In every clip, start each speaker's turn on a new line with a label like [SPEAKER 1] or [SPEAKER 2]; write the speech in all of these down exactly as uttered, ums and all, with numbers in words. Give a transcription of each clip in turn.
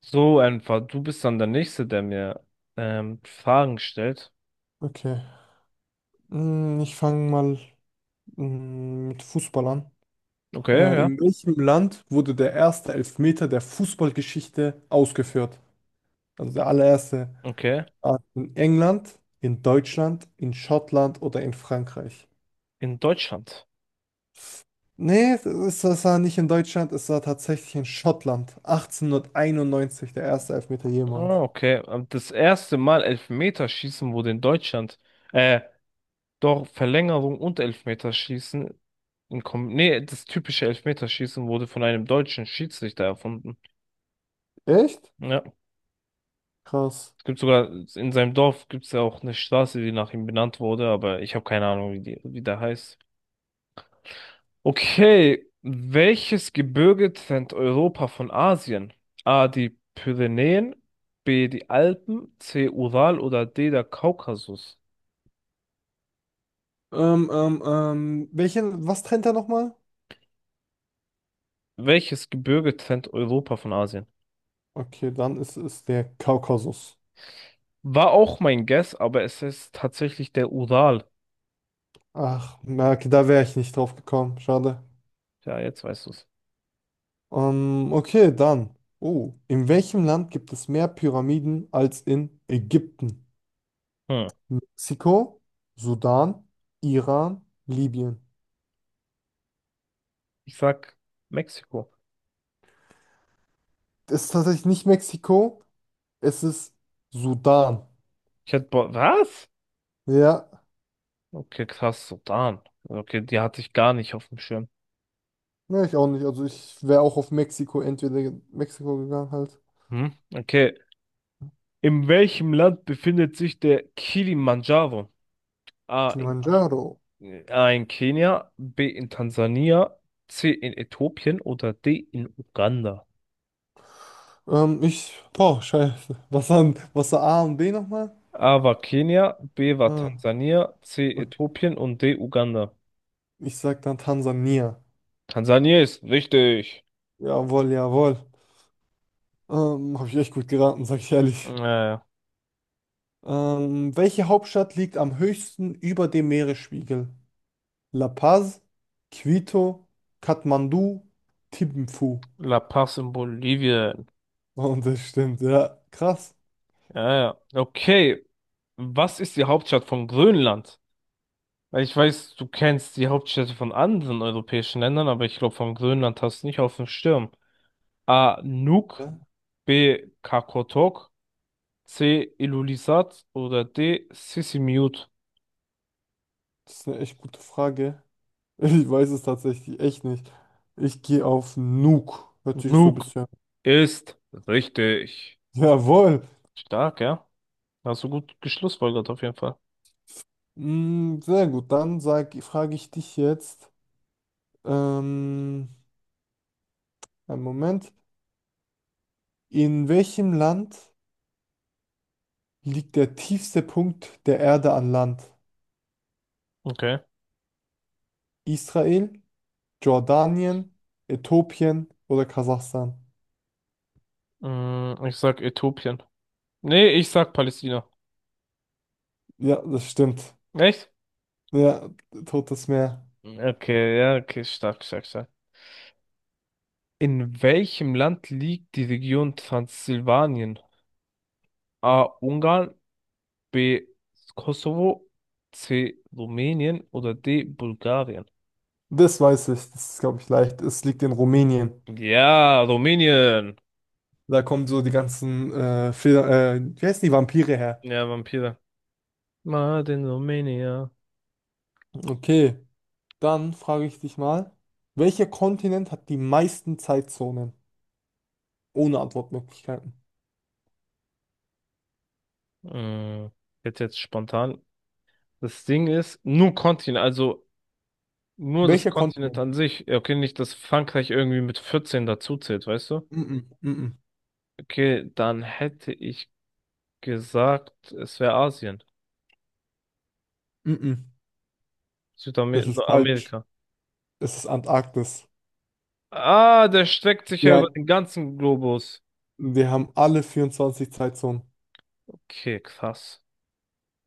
[SPEAKER 1] So einfach. Du bist dann der Nächste, der mir ähm, Fragen stellt.
[SPEAKER 2] Okay. Mm, Ich fange mal mm, mit Fußball an.
[SPEAKER 1] Okay,
[SPEAKER 2] Äh,
[SPEAKER 1] ja.
[SPEAKER 2] in welchem Land wurde der erste Elfmeter der Fußballgeschichte ausgeführt? Also der allererste.
[SPEAKER 1] Okay.
[SPEAKER 2] Ah, In England, in Deutschland, in Schottland oder in Frankreich?
[SPEAKER 1] In Deutschland.
[SPEAKER 2] Nee, es es- es war nicht in Deutschland, es war tatsächlich in Schottland. achtzehnhunderteinundneunzig, der erste Elfmeter jemals.
[SPEAKER 1] Ah, okay. Ähm, Das erste Mal Elfmeterschießen wurde in Deutschland. Äh, doch Verlängerung und Elfmeterschießen. In Kom nee, das typische Elfmeterschießen wurde von einem deutschen Schiedsrichter erfunden.
[SPEAKER 2] Echt?
[SPEAKER 1] Ja.
[SPEAKER 2] Krass.
[SPEAKER 1] Es gibt sogar, in seinem Dorf gibt es ja auch eine Straße, die nach ihm benannt wurde, aber ich habe keine Ahnung, wie die, wie der heißt. Okay, welches Gebirge trennt Europa von Asien? A, die Pyrenäen, B, die Alpen, C, Ural oder D, der Kaukasus.
[SPEAKER 2] Ähm, ähm, ähm, welchen, was trennt er nochmal?
[SPEAKER 1] Welches Gebirge trennt Europa von Asien?
[SPEAKER 2] Okay, dann ist es der Kaukasus.
[SPEAKER 1] War auch mein Guess, aber es ist tatsächlich der Ural.
[SPEAKER 2] Ach, na, okay, da wäre ich nicht drauf gekommen. Schade.
[SPEAKER 1] Ja, jetzt weißt du's.
[SPEAKER 2] Ähm, okay, dann. Oh, in welchem Land gibt es mehr Pyramiden als in Ägypten?
[SPEAKER 1] Hm.
[SPEAKER 2] Mexiko, Sudan, Iran, Libyen.
[SPEAKER 1] Ich sag Mexiko.
[SPEAKER 2] Es ist tatsächlich nicht Mexiko, es ist Sudan.
[SPEAKER 1] Ich hätte, bo- was?
[SPEAKER 2] Ja,
[SPEAKER 1] Okay, krass, Sudan. Okay, die hatte ich gar nicht auf dem Schirm.
[SPEAKER 2] ne, ich auch nicht. Also ich wäre auch auf Mexiko, entweder Mexiko gegangen halt.
[SPEAKER 1] Hm? Okay. In welchem Land befindet sich der Kilimanjaro? A, in
[SPEAKER 2] Kilimanjaro.
[SPEAKER 1] A in Kenia, B in Tansania, C in Äthiopien oder D in Uganda.
[SPEAKER 2] Ähm, ich, boah, scheiße. Was, an, was war A und B nochmal?
[SPEAKER 1] A war Kenia, B war
[SPEAKER 2] Ah,
[SPEAKER 1] Tansania, C
[SPEAKER 2] okay.
[SPEAKER 1] Äthiopien und D Uganda.
[SPEAKER 2] Ich sag dann Tansania.
[SPEAKER 1] Tansania ist richtig.
[SPEAKER 2] Jawohl, jawohl. Ähm, habe ich echt gut geraten, sag ich ehrlich.
[SPEAKER 1] Äh,
[SPEAKER 2] Ähm, welche Hauptstadt liegt am höchsten über dem Meeresspiegel? La Paz, Quito, Kathmandu, Thimphu.
[SPEAKER 1] La Paz in Bolivien.
[SPEAKER 2] Und das stimmt, ja. Krass.
[SPEAKER 1] Ja, ja. Okay. Was ist die Hauptstadt von Grönland? Weil ich weiß, du kennst die Hauptstädte von anderen europäischen Ländern, aber ich glaube, von Grönland hast du nicht auf dem Schirm. A. Nuuk,
[SPEAKER 2] Ja,
[SPEAKER 1] B. Qaqortoq, C. Ilulissat oder D. Sisimiut.
[SPEAKER 2] das ist eine echt gute Frage. Ich weiß es tatsächlich echt nicht. Ich gehe auf Nuuk. Hört sich so ein
[SPEAKER 1] Nuke
[SPEAKER 2] bisschen.
[SPEAKER 1] ist richtig.
[SPEAKER 2] Jawohl.
[SPEAKER 1] Stark, ja. Hast du gut geschlussfolgert auf jeden Fall.
[SPEAKER 2] Mm, sehr gut. Dann sag, frage ich dich jetzt. Ähm, einen Moment. In welchem Land liegt der tiefste Punkt der Erde an Land?
[SPEAKER 1] Okay.
[SPEAKER 2] Israel, Jordanien, Äthiopien oder Kasachstan?
[SPEAKER 1] Mm, ich sag Äthiopien. Nee, ich sag Palästina.
[SPEAKER 2] Ja, das stimmt.
[SPEAKER 1] Echt?
[SPEAKER 2] Ja, Totes Meer.
[SPEAKER 1] Okay, ja, okay, stark, stark, stark. In welchem Land liegt die Region Transsilvanien? A. Ungarn, B. Kosovo, C. Rumänien oder D. Bulgarien?
[SPEAKER 2] Das weiß ich. Das ist, glaube ich, leicht. Es liegt in Rumänien.
[SPEAKER 1] Ja, Rumänien.
[SPEAKER 2] Da kommen so die ganzen äh, Feder, äh, wie heißen die Vampire her?
[SPEAKER 1] Ja, Vampire. Mad in Romania.
[SPEAKER 2] Okay, dann frage ich dich mal, welcher Kontinent hat die meisten Zeitzonen? Ohne Antwortmöglichkeiten.
[SPEAKER 1] Mm, Jetzt jetzt spontan. Das Ding ist, nur Kontinent, also nur das
[SPEAKER 2] Welcher
[SPEAKER 1] Kontinent
[SPEAKER 2] Kontinent?
[SPEAKER 1] an sich. Ja, okay, nicht, dass Frankreich irgendwie mit vierzehn dazuzählt, weißt du?
[SPEAKER 2] Mm-mm, mm-mm,
[SPEAKER 1] Okay, dann hätte ich gesagt, es wäre Asien.
[SPEAKER 2] mm-mm. Das ist falsch.
[SPEAKER 1] Südamerika.
[SPEAKER 2] Es ist Antarktis.
[SPEAKER 1] Ah, der streckt sich ja
[SPEAKER 2] Ja,
[SPEAKER 1] über den ganzen Globus.
[SPEAKER 2] wir haben alle vierundzwanzig Zeitzonen.
[SPEAKER 1] Okay, krass.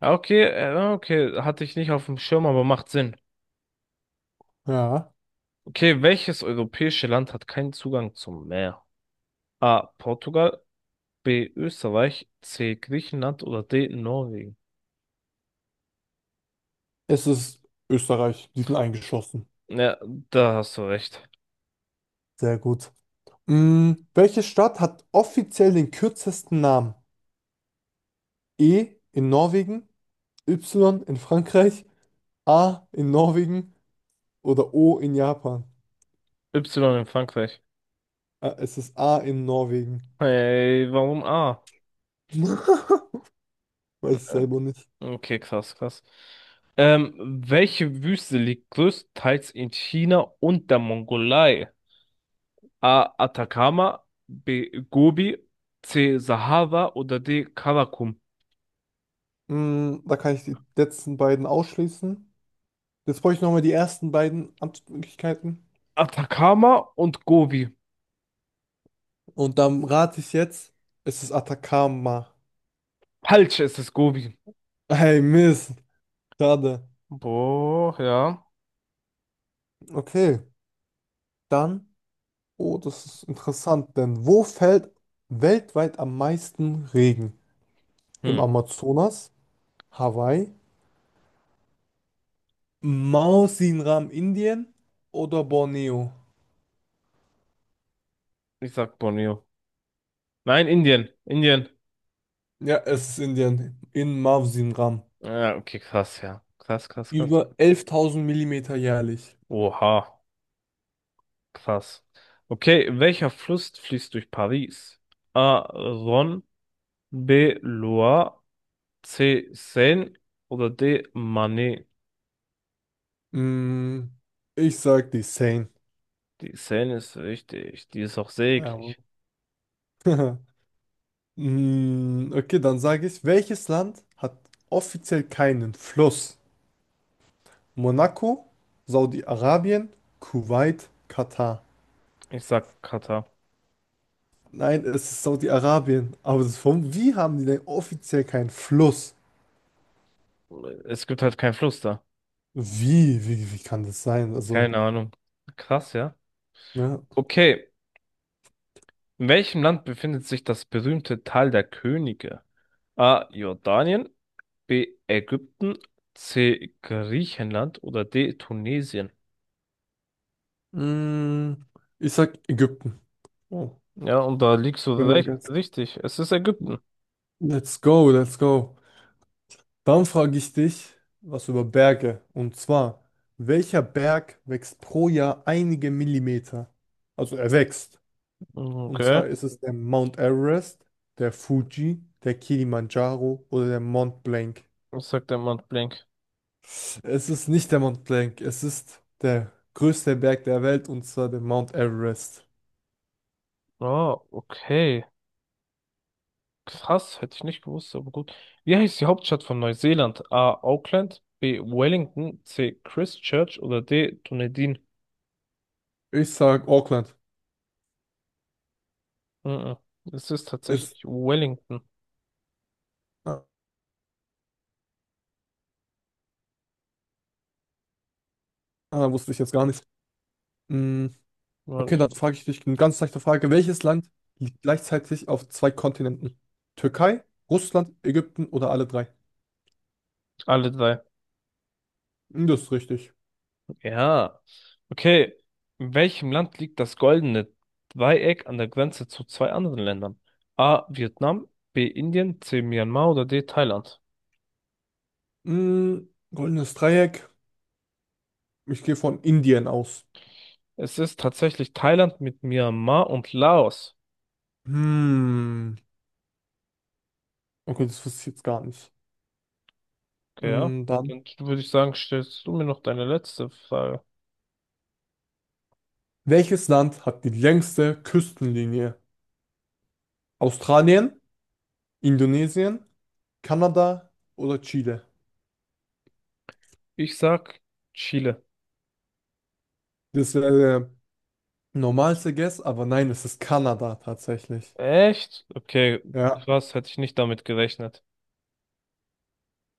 [SPEAKER 1] Ah, okay, äh, okay, hatte ich nicht auf dem Schirm, aber macht Sinn.
[SPEAKER 2] Ja,
[SPEAKER 1] Okay, welches europäische Land hat keinen Zugang zum Meer? A. Portugal, B. Österreich, C. Griechenland oder D. Norwegen?
[SPEAKER 2] es ist Österreich. Die sind eingeschlossen.
[SPEAKER 1] Ja, da hast du recht.
[SPEAKER 2] Sehr gut. Mm, welche Stadt hat offiziell den kürzesten Namen? E in Norwegen, Y in Frankreich, A in Norwegen oder O in Japan?
[SPEAKER 1] Y in Frankreich.
[SPEAKER 2] Ah, es ist A in Norwegen.
[SPEAKER 1] Hey, warum A?
[SPEAKER 2] Weiß ich selber nicht.
[SPEAKER 1] Okay, krass, krass. Ähm, welche Wüste liegt größtenteils in China und der Mongolei? A. Atacama, B. Gobi, C. Sahara oder D. Karakum?
[SPEAKER 2] Mm, da kann ich die letzten beiden ausschließen. Jetzt brauche ich nochmal die ersten beiden Antwortmöglichkeiten.
[SPEAKER 1] Atacama und Gobi.
[SPEAKER 2] Und dann rate ich jetzt, es ist Atacama.
[SPEAKER 1] Falsch, es ist Gobi.
[SPEAKER 2] Hey, Mist. Schade.
[SPEAKER 1] Boah, ja.
[SPEAKER 2] Okay, dann. Oh, das ist interessant, denn wo fällt weltweit am meisten Regen? Im
[SPEAKER 1] Hm,
[SPEAKER 2] Amazonas, Hawaii, Mausinram, Indien oder Borneo?
[SPEAKER 1] ich sag Borneo. Nein, Indien. Indien.
[SPEAKER 2] Ja, es ist Indien. In Mausinram.
[SPEAKER 1] Ja, okay, krass, ja. Krass, krass, krass.
[SPEAKER 2] Über elftausend Millimeter jährlich.
[SPEAKER 1] Oha, krass. Okay, welcher Fluss fließt durch Paris? A. Rhône, B. Loire, C. Seine oder D. Manet?
[SPEAKER 2] Mm, ich sag die Sane.
[SPEAKER 1] Die Seine ist richtig, die ist auch
[SPEAKER 2] Jawohl.
[SPEAKER 1] seglig.
[SPEAKER 2] Mm, okay, dann sage ich, welches Land hat offiziell keinen Fluss? Monaco, Saudi-Arabien, Kuwait, Katar.
[SPEAKER 1] Ich sag Katar.
[SPEAKER 2] Nein, es ist Saudi-Arabien. Aber das ist, warum, wie haben die denn offiziell keinen Fluss?
[SPEAKER 1] Es gibt halt keinen Fluss da.
[SPEAKER 2] Wie, wie, wie kann das sein? Also,
[SPEAKER 1] Keine Ahnung. Krass, ja.
[SPEAKER 2] ne?
[SPEAKER 1] Okay, in welchem Land befindet sich das berühmte Tal der Könige? A. Jordanien, B. Ägypten, C. Griechenland oder D. Tunesien.
[SPEAKER 2] Mm, ich sag Ägypten. Oh,
[SPEAKER 1] Ja, und da liegst du
[SPEAKER 2] wenn mein
[SPEAKER 1] recht,
[SPEAKER 2] Gott.
[SPEAKER 1] richtig. Es ist Ägypten.
[SPEAKER 2] Let's go, let's go. Dann frage ich dich was über Berge. Und zwar, welcher Berg wächst pro Jahr einige Millimeter? Also er wächst. Und
[SPEAKER 1] Okay.
[SPEAKER 2] zwar ist es der Mount Everest, der Fuji, der Kilimanjaro oder der Mont Blanc.
[SPEAKER 1] Was sagt der Mann Blank?
[SPEAKER 2] Es ist nicht der Mont Blanc, es ist der größte Berg der Welt und zwar der Mount Everest.
[SPEAKER 1] Ah, okay. Krass, hätte ich nicht gewusst, aber gut. Wie heißt die Hauptstadt von Neuseeland? A. Auckland, B. Wellington, C. Christchurch oder D. Dunedin.
[SPEAKER 2] Ich sag Auckland.
[SPEAKER 1] Mhm. Es ist
[SPEAKER 2] Ist,
[SPEAKER 1] tatsächlich Wellington.
[SPEAKER 2] ah, ah, wusste ich jetzt gar nicht. Mm,
[SPEAKER 1] Ja,
[SPEAKER 2] okay,
[SPEAKER 1] ist
[SPEAKER 2] dann
[SPEAKER 1] gut.
[SPEAKER 2] frage ich dich eine ganz leichte Frage. Welches Land liegt gleichzeitig auf zwei Kontinenten? Türkei, Russland, Ägypten oder alle drei?
[SPEAKER 1] Alle drei.
[SPEAKER 2] Hm, das ist richtig.
[SPEAKER 1] Ja. Okay. In welchem Land liegt das goldene Dreieck an der Grenze zu zwei anderen Ländern? A. Vietnam, B. Indien, C. Myanmar oder D. Thailand?
[SPEAKER 2] Mm, goldenes Dreieck. Ich gehe von Indien aus.
[SPEAKER 1] Es ist tatsächlich Thailand mit Myanmar und Laos.
[SPEAKER 2] Hm. Okay, das wusste ich jetzt gar nicht.
[SPEAKER 1] Okay, ja.
[SPEAKER 2] Mm, dann,
[SPEAKER 1] Dann würde ich sagen, stellst du mir noch deine letzte Frage.
[SPEAKER 2] welches Land hat die längste Küstenlinie? Australien, Indonesien, Kanada oder Chile?
[SPEAKER 1] Ich sag Chile.
[SPEAKER 2] Das wäre der normalste Guess, aber nein, es ist Kanada tatsächlich.
[SPEAKER 1] Echt? Okay,
[SPEAKER 2] Ja.
[SPEAKER 1] krass, hätte ich nicht damit gerechnet.